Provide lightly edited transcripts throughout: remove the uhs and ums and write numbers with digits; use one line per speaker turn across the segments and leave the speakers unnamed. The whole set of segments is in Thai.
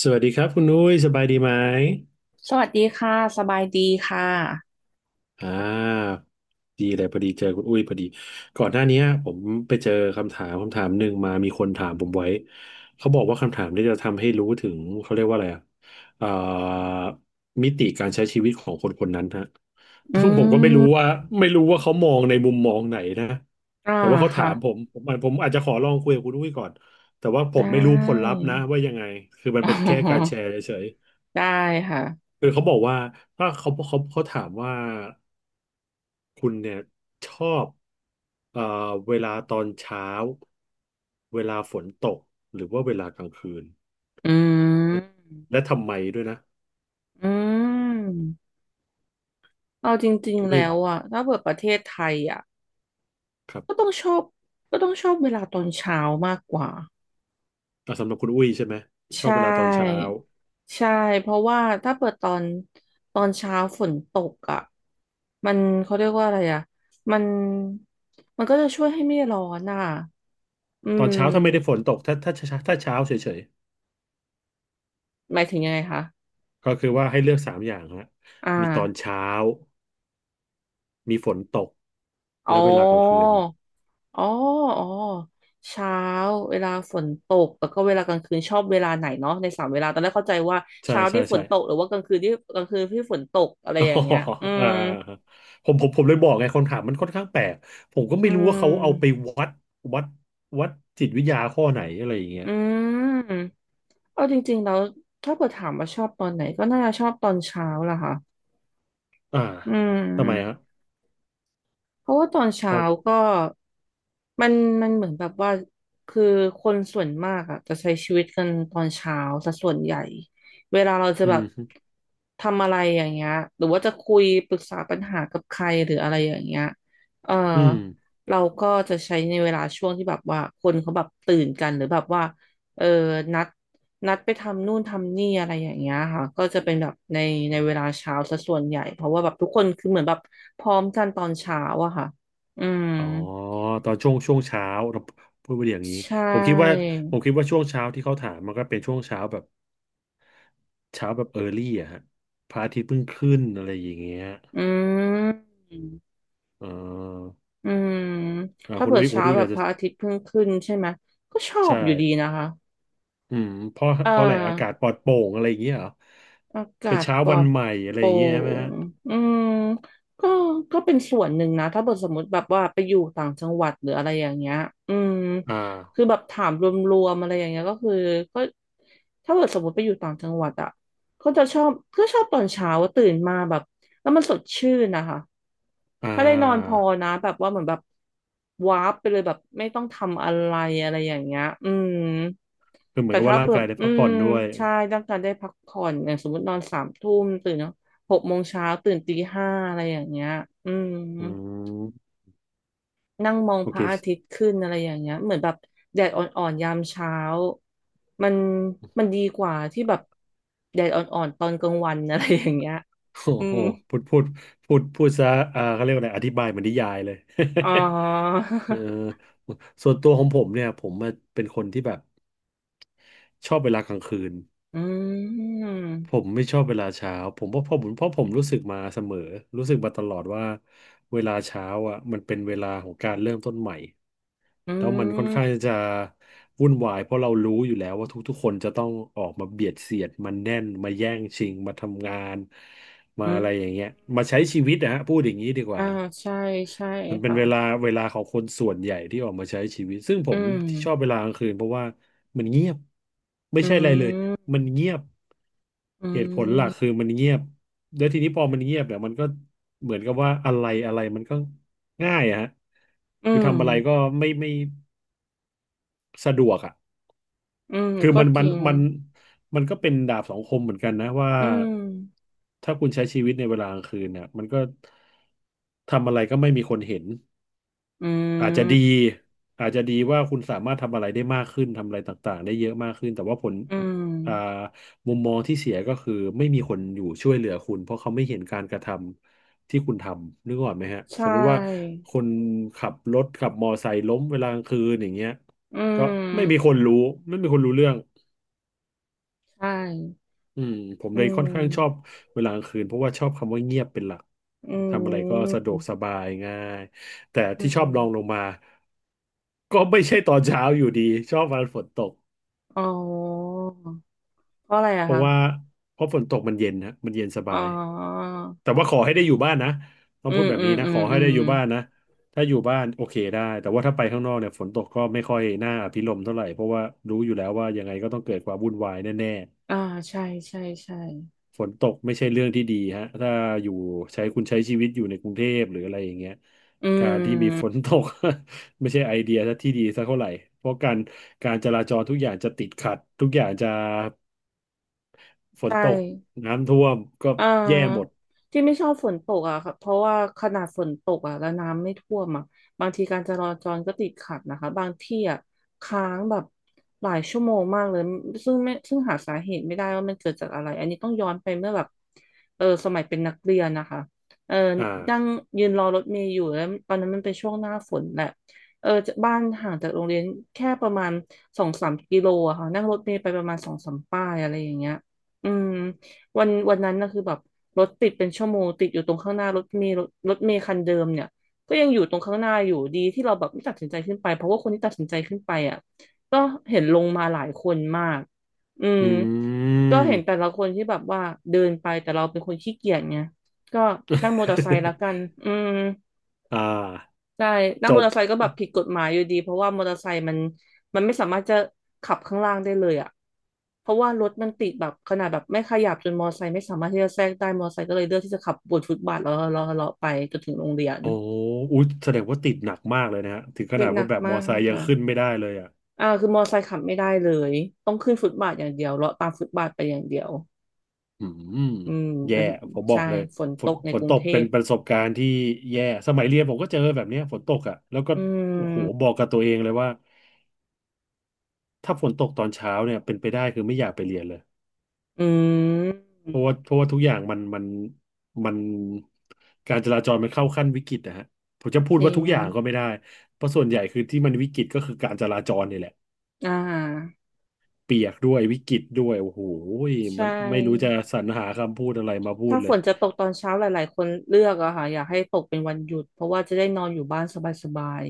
สวัสดีครับคุณอุ้ยสบายดีไหม
สวัสดีค่ะ สบายดีค่ะ
อ่าดีเลยพอดีเจอคุณอุ้ยพอดีก่อนหน้านี้ผมไปเจอคำถามหนึ่งมามีคนถามผมไว้เขาบอกว่าคำถามที่จะทำให้รู้ถึงเขาเรียกว่าอะไรอ่ะเอ่อมิติการใช้ชีวิตของคนคนนั้นฮะ
อื
ซึ่งผมก็ไม่รู้
ม
ว่าไม่รู้ว่าเขามองในมุมมองไหนนะ
อ่า
แต่ว่าเขาถา
ค่ะ
มผมอาจจะขอลองคุยกับคุณอุ้ยก่อนแต่ว่าผ
ได
มไม่รู้ผล
้
ลัพธ์นะว่ายังไงคือมั น
อ๋
เป็น
อ
แค่การแชร์เฉย
ได้ค่ะ
คือเขาบอกว่าถ้าเขาถามว่าคุณเนี่ยชอบเอ่อเวลาตอนเช้าเวลาฝนตกหรือว่าเวลากลางคืน
อืม
นะและทำไมด้วยนะ
อืมเอาจริงๆ
ด้วย
แล้วอะถ้าเปิดประเทศไทยอะ
ครั
ก็
บ
ต้องชอบก็ต้องชอบเวลาตอนเช้ามากกว่า
อ่ะสำหรับคุณอุ้ยใช่ไหมชอบ
ใช่
เวลาตอนเช้า
ใช่เพราะว่าถ้าเปิดตอนเช้าฝนตกอ่ะมันเขาเรียกว่าอะไรอ่ะมันมันก็จะช่วยให้ไม่ร้อนอ่ะอื
ตอนเช้าถ้าไม่ได้ฝน
ม
ตกถ้าเช้าเฉย
หมายถึงยังไงคะ
ๆก็คือว่าให้เลือกสามอย่างฮะ
อ่า
มีตอนเช้ามีฝนตก
อ๋
และ
อ
เวลากลางคืน
อ๋ออ๋อเช้าเวลาฝนตกแล้วก็เวลากลางคืนชอบเวลาไหนเนาะในสามเวลาตอนแรกเข้าใจว่า
ใช่
เช้า
ใช่
ที่ฝ
ใช่
นตกหรือว่ากลางคืนที่ฝนตกอะไร
อ๋อ
อย่างเงี้ยอื
อ่า
ม
ผมเลยบอกไงคำถามมันค่อนข้างแปลก ผมก็
อื
ไม่รู้ว่าเขาเอาไป
ม
วัดวัดวัดจิตวิทยาข้อไหนอะไรอย่างเงี้ย
อืม เอาจริงๆแล้วถ้าเกิดถามว่าชอบตอนไหนก็น่าจะชอบตอนเช้าล่ะค่ะ
อ่า
อื
ทำไมฮะ
มเพราะว่าตอน
เพ
เช้า
ราะ
ก็มันมันเหมือนแบบว่าคือคนส่วนมากอะจะใช้ชีวิตกันตอนเช้าซะส่วนใหญ่เวลาเราจะ
อื
แบบ
ม
ทำอะไรอย่างเงี้ยหรือว่าจะคุยปรึกษาปัญหากับใครหรืออะไรอย่างเงี้ยเออ
อืม
เราก็จะใช้ในเวลาช่วงที่แบบว่าคนเขาแบบตื่นกันหรือแบบว่าเออนัด นัดไปทำนู่นทำนี่อะไรอย่างเงี้ยค่ะก็จะเป็นแบบในเวลาเช้าซะส่วนใหญ่เพราะว่าแบบทุกคนคือเหมือนแบบพร้อมกันตอนเช้าอะค่ะอืม
อ๋อตอนช่วงเช้าเราพูดไปอย่างนี้
ใช่
ผมคิดว่าผมคิดว่าช่วงเช้าที่เขาถามมันก็เป็นช่วงเช้าแบบเช้าแบบเออร์ลี่อะฮะพระอาทิตย์เพิ่งขึ้นอะไรอย่างเงี้ย
อืม
อ่า
อืม
อ่า
ถ้า
คุณ
เปิ
อุ้
ด
ยคุณ
เช้า
อุ้ย
แบบ
อาจ
พ
จะ
ระอาทิตย์เพิ่งขึ้นใช่ไหมก็ชอบ
ใช่
อยู่ดีนะคะ
อืมเพราะ
เอ
เพราะอะไรอากาศ
อ
ปลอดโปร่งอะไรอย่างเงี้ยเหรอ
อากา
เป็น
ศ
เช้า
ปลอ
วัน
ด
ใหม่อะไร
โป
อ
ร่
ย่างเงี้ยใช่ไหม
ง
ฮะ
อืมก็ก็เป็นส่วนหนึ่งนะถ้าเกิดสมมติแบบว่าไปอยู่ต่างจังหวัดหรืออะไรอย่างเงี้ยอืม
อ่า
คือแบบถามรวมๆอะไรอย่างเงี้ยก็คือก็ถ้าเกิดสมมติไปอยู่ต่างจังหวัดอะ ก็จะชอบก็ชอบตอนเช้าตื่นมาแบบแล้วมันสดชื่นนะคะ
อ่
ถ้าได้นอนพ
า
อนะแบบว่าเหมือนแบบวาร์ปไปเลยแบบไม่ต้องทำอะไรอะไรอย่างเงี้ยอืม
คือเหมือ
แต่
นกับ
ถ้า
ว่าร่า
แบ
งกา
บ
ยได้
อื
พักผ่
ม
อนด้วย
ใช่ต้องการได้พักผ่อนอย่างสมมตินอนสามทุ่มตื่นหกโมงเช้าตื่นตีห้าอะไรอย่างเงี้ยอืม
อืม
นั่งมอง
โอ
พ
เค
ระ อาทิตย์ขึ้นอะไรอย่างเงี้ย เหมือนแบบแดดอ่อนๆยามเช้ามันมันดีกว่าที่แบบแดดอ่อนๆตอนกลางวัน อะไรอย่างเงี้ย
โอ้
อื
โห
ม
พูดพูดพูดซะอ่าเขาเรียกว่าอะไรอธิบายเหมือนนิยายเลย
อ๋อ
เออส่วนตัวของผมเนี่ยผมเป็นคนที่แบบชอบเวลากลางคืน
อื
ผ
ม
มไม่ชอบเวลาเช้าผมว่าเพราะผมรู้สึกมาเสมอรู้สึกมาตลอดว่าเวลาเช้าอ่ะมันเป็นเวลาของการเริ่มต้นใหม่
อื
แล้วมันค่อนข้าง
ม
จะวุ่นวายเพราะเรารู้อยู่แล้วว่าทุกๆคนจะต้องออกมาเบียดเสียดมันแน่นมาแย่งชิงมาทำงานมา
อื
อะไรอย่างเงี้ย
ม
มาใช้ชีวิตนะฮะพูดอย่างนี้ดีก
อ่า
ว่า
ใช่ใช่
มันเป็น
ค่ะ
เวลาของคนส่วนใหญ่ที่ออกมาใช้ชีวิตซึ่งผ
อื
ม
ม
ชอบเวลากลางคืนเพราะว่ามันเงียบไม่
อื
ใช่อะไรเลย
ม
มันเงียบ
อื
เหตุผลหลักคือ
ม
มันเงียบแล้วทีนี้พอมันเงียบเนี่ยมันก็เหมือนกับว่าอะไรอะไรมันก็ง่ายอะฮะ
อื
คือ
ม
ทำอะไรก็ไม่สะดวกอ่ะ
อืม
คือ
ก็
มัน
จ
มัน
ริง
มันมันก็เป็นดาบสองคมเหมือนกันนะว่า
อืม
ถ้าคุณใช้ชีวิตในเวลากลางคืนเนี่ยมันก็ทำอะไรก็ไม่มีคนเห็น
อื
อาจจะดี
ม
อาจจะดีว่าคุณสามารถทำอะไรได้มากขึ้นทำอะไรต่างๆได้เยอะมากขึ้นแต่ว่าผล
อืม
อ่ามุมมองที่เสียก็คือไม่มีคนอยู่ช่วยเหลือคุณเพราะเขาไม่เห็นการกระทำที่คุณทำนึกออกไหมฮะ
ใช
สมมติว่า
่
คนขับรถขับมอไซค์ล้มเวลากลางคืนอย่างเงี้ย
อื
ก็ไม่มีค
ม
นรู้ไม่มีคนรู้เรื่อง
ใช่
อืมผม
อื
เลยค่อนข้างชอบ
ม
เวลากลางคืนเพราะว่าชอบคำว่าเงียบเป็นหลัก
อื
ทำอะไรก็
ม
สะดวกสบายง่ายแต่
อื
ที่ชอบ
ม
ลองลงมาก็ไม่ใช่ตอนเช้าอยู่ดีชอบวันฝนตก
อ๋อเพราะอะไรอะ
เพราะ
คะ
ว่าเพราะฝนตกมันเย็นนะมันเย็นส
อ๋
บา
อ
ยแต่ว่าขอให้ได้อยู่บ้านนะต้อ
อื
งพู
ม
ดแบบ
อื
นี้
ม
นะ
อื
ข
ม
อให้
อื
ได้
ม
อยู่บ้านนะถ้าอยู่บ้านโอเคได้แต่ว่าถ้าไปข้างนอกเนี่ยฝนตกก็ไม่ค่อยน่าอภิรมย์เท่าไหร่เพราะว่ารู้อยู่แล้วว่ายังไงก็ต้องเกิดความวุ่นวายแน่
อ่าใช่ใช่ใช่
ฝนตกไม่ใช่เรื่องที่ดีฮะถ้าอยู่ใช้คุณใช้ชีวิตอยู่ในกรุงเทพหรืออะไรอย่างเงี้ย
อื
การที่มีฝ
ม
นตก ไม่ใช่ไอเดียที่ดีสักเท่าไหร่เพราะการจราจรทุกอย่างจะติดขัดทุกอย่างจะฝน
ใช่
ตกน้ำท่วมก็
อ่
แย่หมด
าที่ไม่ชอบฝนตกอ่ะค่ะเพราะว่าขนาดฝนตกอ่ะแล้วน้ำไม่ท่วมอ่ะบางทีการจราจรก็ติดขัดนะคะบางที่อ่ะค้างแบบหลายชั่วโมงมากเลยซึ่งหาสาเหตุไม่ได้ว่ามันเกิดจากอะไรอันนี้ต้องย้อนไปเมื่อแบบเออสมัยเป็นนักเรียนนะคะเออ
อ
นั่ง
่า
ยืนรอรถเมล์อยู่แล้วตอนนั้นมันเป็นช่วงหน้าฝนแหละเออจากบ้านห่างจากโรงเรียนแค่ประมาณสองสามกิโลอะค่ะนั่งรถเมล์ไปประมาณสองสามป้ายอะไรอย่างเงี้ยอืม วันนั้นนะคือแบบรถติดเป็นชั่วโมงติดอยู่ตรงข้างหน้ารถเมล์รถเมล์คันเดิมเนี่ยก็ยังอยู่ตรงข้างหน้าอยู่ดีที่เราแบบไม่ตัดสินใจขึ้นไปเพราะว่าคนที่ตัดสินใจขึ้นไปอ่ะก็เห็นลงมาหลายคนมากอืม
อื
ก็เห็น
ม
แต่ละคนที่แบบว่าเดินไปแต่เราเป็นคนขี้เกียจไงก็นั่งมอเตอร์ไซค์ละกันอืม
อ่า
ได้นั่
จ
งมอ
บ
เตอร์ไซค์ก็แบบผิดกฎหมายอยู่ดีเพราะว่ามอเตอร์ไซค์มันไม่สามารถจะขับข้างล่างได้เลยอ่ะเพราะว่ารถมันติดแบบขนาดแบบไม่ขยับจนมอเตอร์ไซค์ไม่สามารถที่จะแทรกได้มอเตอร์ไซค์ก็เลยเลือกที่จะขับบนฟุตบาทแล้วเลาะเลาะไปจนถึงโรงเรียน
โอ้อุ๊ยแสดงว่าติดหนักมากเลยนะฮะถึงข
ติ
นา
ด
ด
หนั
ว่า
ก
แบบม
มา
อไซ
ก
ค์ยัง
ค่ะ
ขึ้นไม่ได้เลยอ่ะ
คือมอเตอร์ไซค์ขับไม่ได้เลยต้องขึ้นฟุตบาทอย่างเดียวเลาะตามฟุตบาทไปอย่างเดียว
อืม
อืม
แย่
เป็น
ผมบอ
ใช่
กเลย
ฝน
ฝ
ต
น
กใน
ฝ
ก
น
รุ
ต
ง
ก
เท
เป็น
พ
ประสบการณ์ที่แย่สมัยเรียนผมก็เจอแบบเนี้ยฝนตกอ่ะแล้วก็
อื
โอ้โห
ม
บอกกับตัวเองเลยว่าถ้าฝนตกตอนเช้าเนี่ยเป็นไปได้คือไม่อยากไปเรียนเลย
อื
เพราะ
ม
ว่าเพราะว่าทุกอย่างมันการจราจรมันเข้าขั้นวิกฤตนะฮะผมจะพูด
จริ
ว่า
ง
ทุกอย่างก็ไม่ได้เพราะส่วนใหญ่คือที่มันวิกฤตก็คือการจราจรนี่แหละ
อ่า
เปียกด้วยวิกฤตด้วยโอ้โห
ใช
มันไม่รู้จะ
่
สรรหาคำพูดอะไรมาพูด
ถ้า
เล
ฝ
ย
นจะตกตอนเช้าหลายๆคนเลือกอะค่ะอยากให้ตกเป็นวันหยุดเพราะว่าจะได้นอนอยู่บ้านสบาย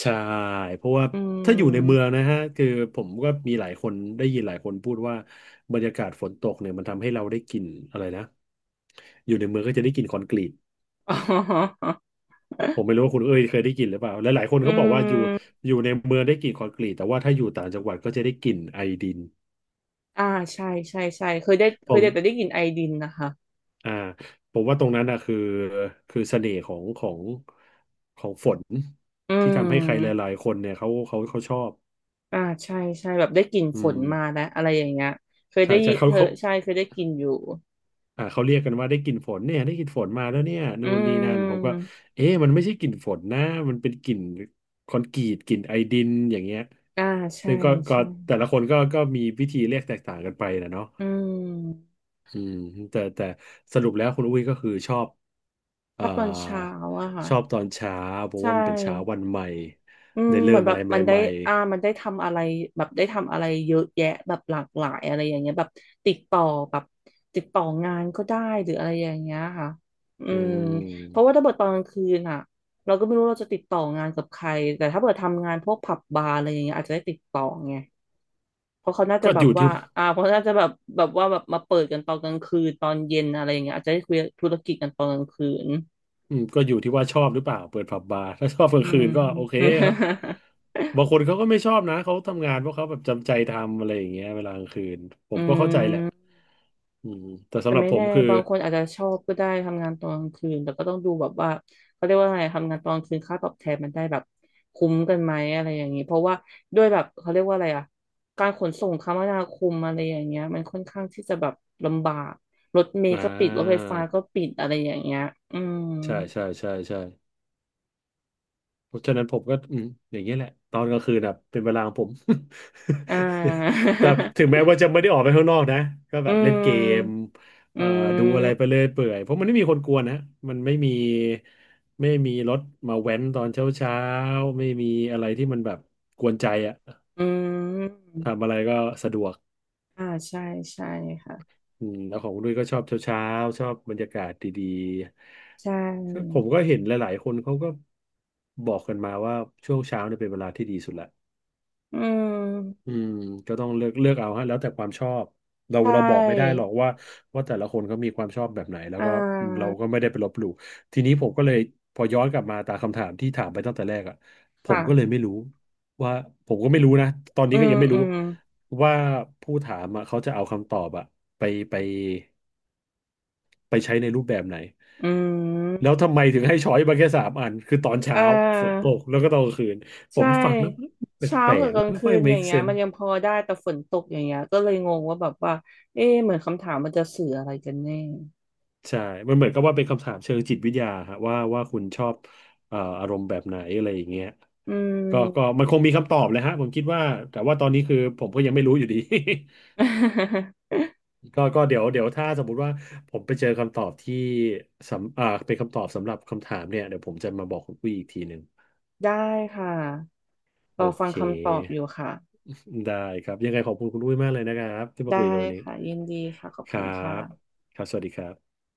ใช่เพราะว่า
ๆ อื
ถ้าอยู่ใน
ม
เมืองนะฮะคือผมก็มีหลายคนได้ยินหลายคนพูดว่าบรรยากาศฝนตกเนี่ยมันทำให้เราได้กลิ่นอะไรนะอยู่ในเมืองก็จะได้กลิ่นคอนกรีต
อ๋อ
ผมไม่รู้ว่าคุณเอ้ยเคยได้กลิ่นหรือเปล่าและหลายคน
อื
เขาบอกว่าอยู่
ม
อยู่ในเมืองได้กลิ่นคอนกรีตแต่ว่าถ้าอยู่ต่างจังหวัดก็จะได้กลิ่นไอดิน
อ่าใช่ใช่ใช่เคยได้เค
ผ
ย
ม
ได้แต่ได้กลิ่นไอดินนะคะ
อ่าผมว่าตรงนั้นนะคือคือเสน่ห์ของฝน
อื
ที่ทำให้ใครห
ม
ลายๆคนเนี่ยเขาชอบ
อ่าใช่ใช่แบบได้กลิ่น
อื
ฝนมา
ม
แล้วอะไรอย่างเงี้ยเคย
ใช่
ได้ยิ
ใช่เขา
เธอ
เขา
ใช่เคยได้กลิ่นอยู่
อ่าเขาเรียกกันว่าได้กลิ่นฝนเนี่ยได้กลิ่นฝนมาแล้วเนี่ย
อื
นู่นนี่นั่นผมก็
ม
เอ๊ะมันไม่ใช่กลิ่นฝนนะมันเป็นกลิ่นคอนกรีตกลิ่นไอดินอย่างเงี้ย
อ่าใช่
ซึ่งก็
ใช่
แต่ละคนก็มีวิธีเรียกแตกต่างกันไปนะเนาะ
อืม
อืมแต่สรุปแล้วคุณอุ้ยก็คือชอบ
ช
เอ่
อ
อ
บตอนเช้าอะค่ะ
ชอบตอนเช้าเพราะ
ใช
ว่ามันเป็นเช้า
่
วันใหม่
อืม
ได้
เห
เริ่
มือ
ม
นแบ
อะ
บ
ไรใ
มันได้
หม่
มันได้ทำอะไรแบบได้ทำอะไรเยอะแยะแบบหลากหลายอะไรอย่างเงี้ยแบบติดต่อแบบติดต่องานก็ได้หรืออะไรอย่างเงี้ยค่ะอื
ๆอื
มเพราะว่า
ม
ถ้าเกิดตอนกลางคืนอ่ะเราก็ไม่รู้เราจะติดต่องานกับใครแต่ถ้าเกิดทำงานพวกผับบาร์อะไรอย่างเงี้ยอาจจะได้ติดต่อไงเพราะเขาน่าจะ
ก็
แบ
อ
บ
ยู่
ว่า
ที่
อ่าเพราะน่าจะแบบแบบว่าแบบมาเปิดกันตอนกลางคืนตอนเย็นอะไรอย่างเงี้ยอาจจะได้คุยธุรกิจกันตอนกลางคืน
ก็อยู่ที่ว่าชอบหรือเปล่าเปิดผับบาร์ ถ้าชอบกลา
อื
งคืนก็โอเค
ม
ครับ บางคนเขาก็ไม่ชอบนะเขาทำงานเพราะเขาแบบจำใจทำอะไรอย่างเงี้ยเวลากลางคืนผ
อื
มก็เข้าใจแหละ
ม
อืมแต่
แต่
สำหรับ
ไม่
ผม
แน่
คือ
บางคนอาจจะชอบก็ได้ทำงานตอนกลางคืนแต่ก็ต้องดูแบบว่าเขาเรียกว่าไงทำงานตอนกลางคืนค่าตอบแทนมันได้แบบคุ้มกันไหมอะไรอย่างนี้เพราะว่าด้วยแบบเขาเรียกว่าอะไรอ่ะการขนส่งคมนาคมอะไรอย่างเงี้ยมันค่อนข้างที่จะแบบลำบากรถเม
อ่
ล์ก็ปิดรถไฟ
า
ฟ้าก็ปิดอะไรอย่างเงี้ยอืม
ใช่ใช่ใช่ใช่ เพราะฉะนั้นผมก็อืมอย่างเงี้ยแหละตอนกลางคืนแบบเป็นเวลาของผม
อ่า
แต่ถึงแม้ว่าจะไม่ได้ออกไปข้างนอกนะก็
อื
แบบเล่นเกม
ม
เอ่อ
อื
ดูอะไร
ม
ไปเรื่อยเปื่อยเพราะมันไม่มีคนกวนนะมันไม่มีไม่มีรถมาแว้นตอนเช้าเช้าไม่มีอะไรที่มันแบบกวนใจอะ
อืม
ทำอะไรก็สะดวก
อ่าใช่ใช่ค่ะ
อืมแล้วของคุณด้วยก็ชอบเช้าเช้าชอบบรรยากาศดี
ใช
ๆก็ผ
่
มก็เห็นหลายๆคนเขาก็บอกกันมาว่าช่วงเช้าเนี่ยเป็นเวลาที่ดีสุดละ
อื
อื
ม
มก็ต้องเลือกเอาฮะแล้วแต่ความชอบเรา
ใช
เราบอกไม่ได้
่
หรอกว่าแต่ละคนเขามีความชอบแบบไหนแล้ว
อ่
ก็เราก็
า
ไม่ได้ไปลบหลู่ทีนี้ผมก็เลยพอย้อนกลับมาตามคำถามที่ถามไปตั้งแต่แรกอ่ะผมก็เลย
ค่ะ
ไม่รู้ว่าผมก็ไม่รู้นะตอน
อื
นี้ก็
ม
ยังไม่
อื
รู้
ม
ว่าผู้ถามอะเขาจะเอาคำตอบอะไปไปไปใช้ในรูปแบบไหน
อื
แล้
ม
วทำไมถึงให้ช้อยส์มาแค่สามอันคือตอน
อ่
เช้าฝน
า
ตกแล้วก็ตอนกลางคืนผ
ใช่
มฟังแล้ว
เช้ากับกลาง
ไม่
คื
ค่อย
นอย่า
make
งเงี้ยมั
sense
นยังพอได้แต่ฝนตกอย่างเงี้ยก็เลยงงว่าแบบว่าเอ๊ะเหมือนคำถามมันจะสื่ออะไรกันแน่
ใช่มันเหมือนกับว่าเป็นคำถามเชิงจิตวิทยาฮะว่าคุณชอบอารมณ์แบบไหนอะไรอย่างเงี้ย
อื
ก็
ม
ก็มันคงมีคำตอบเลยฮะผมคิดว่าแต่ว่าตอนนี้คือผมก็ยังไม่รู้อยู่ดี ก็เดี๋ยวถ้าสมมุติว่าผมไปเจอคำตอบที่สำอ่าเป็นคำตอบสำหรับคำถามเนี่ยเดี๋ยวผมจะมาบอกคุณอุ้ยอีกทีหนึ่ง
ได้ค่ะร
โอ
อฟัง
เค
คำตอบอยู่ค่ะ
ได้ครับยังไงขอบคุณคุณอุ้ยมากเลยนะครับที่มาคุย
ได้
กันวันนี้
ค่ะ ยินดีค่ะ ขอบ
ค
คุ
รั
ณค่ะ
บครับสวัสดีครับ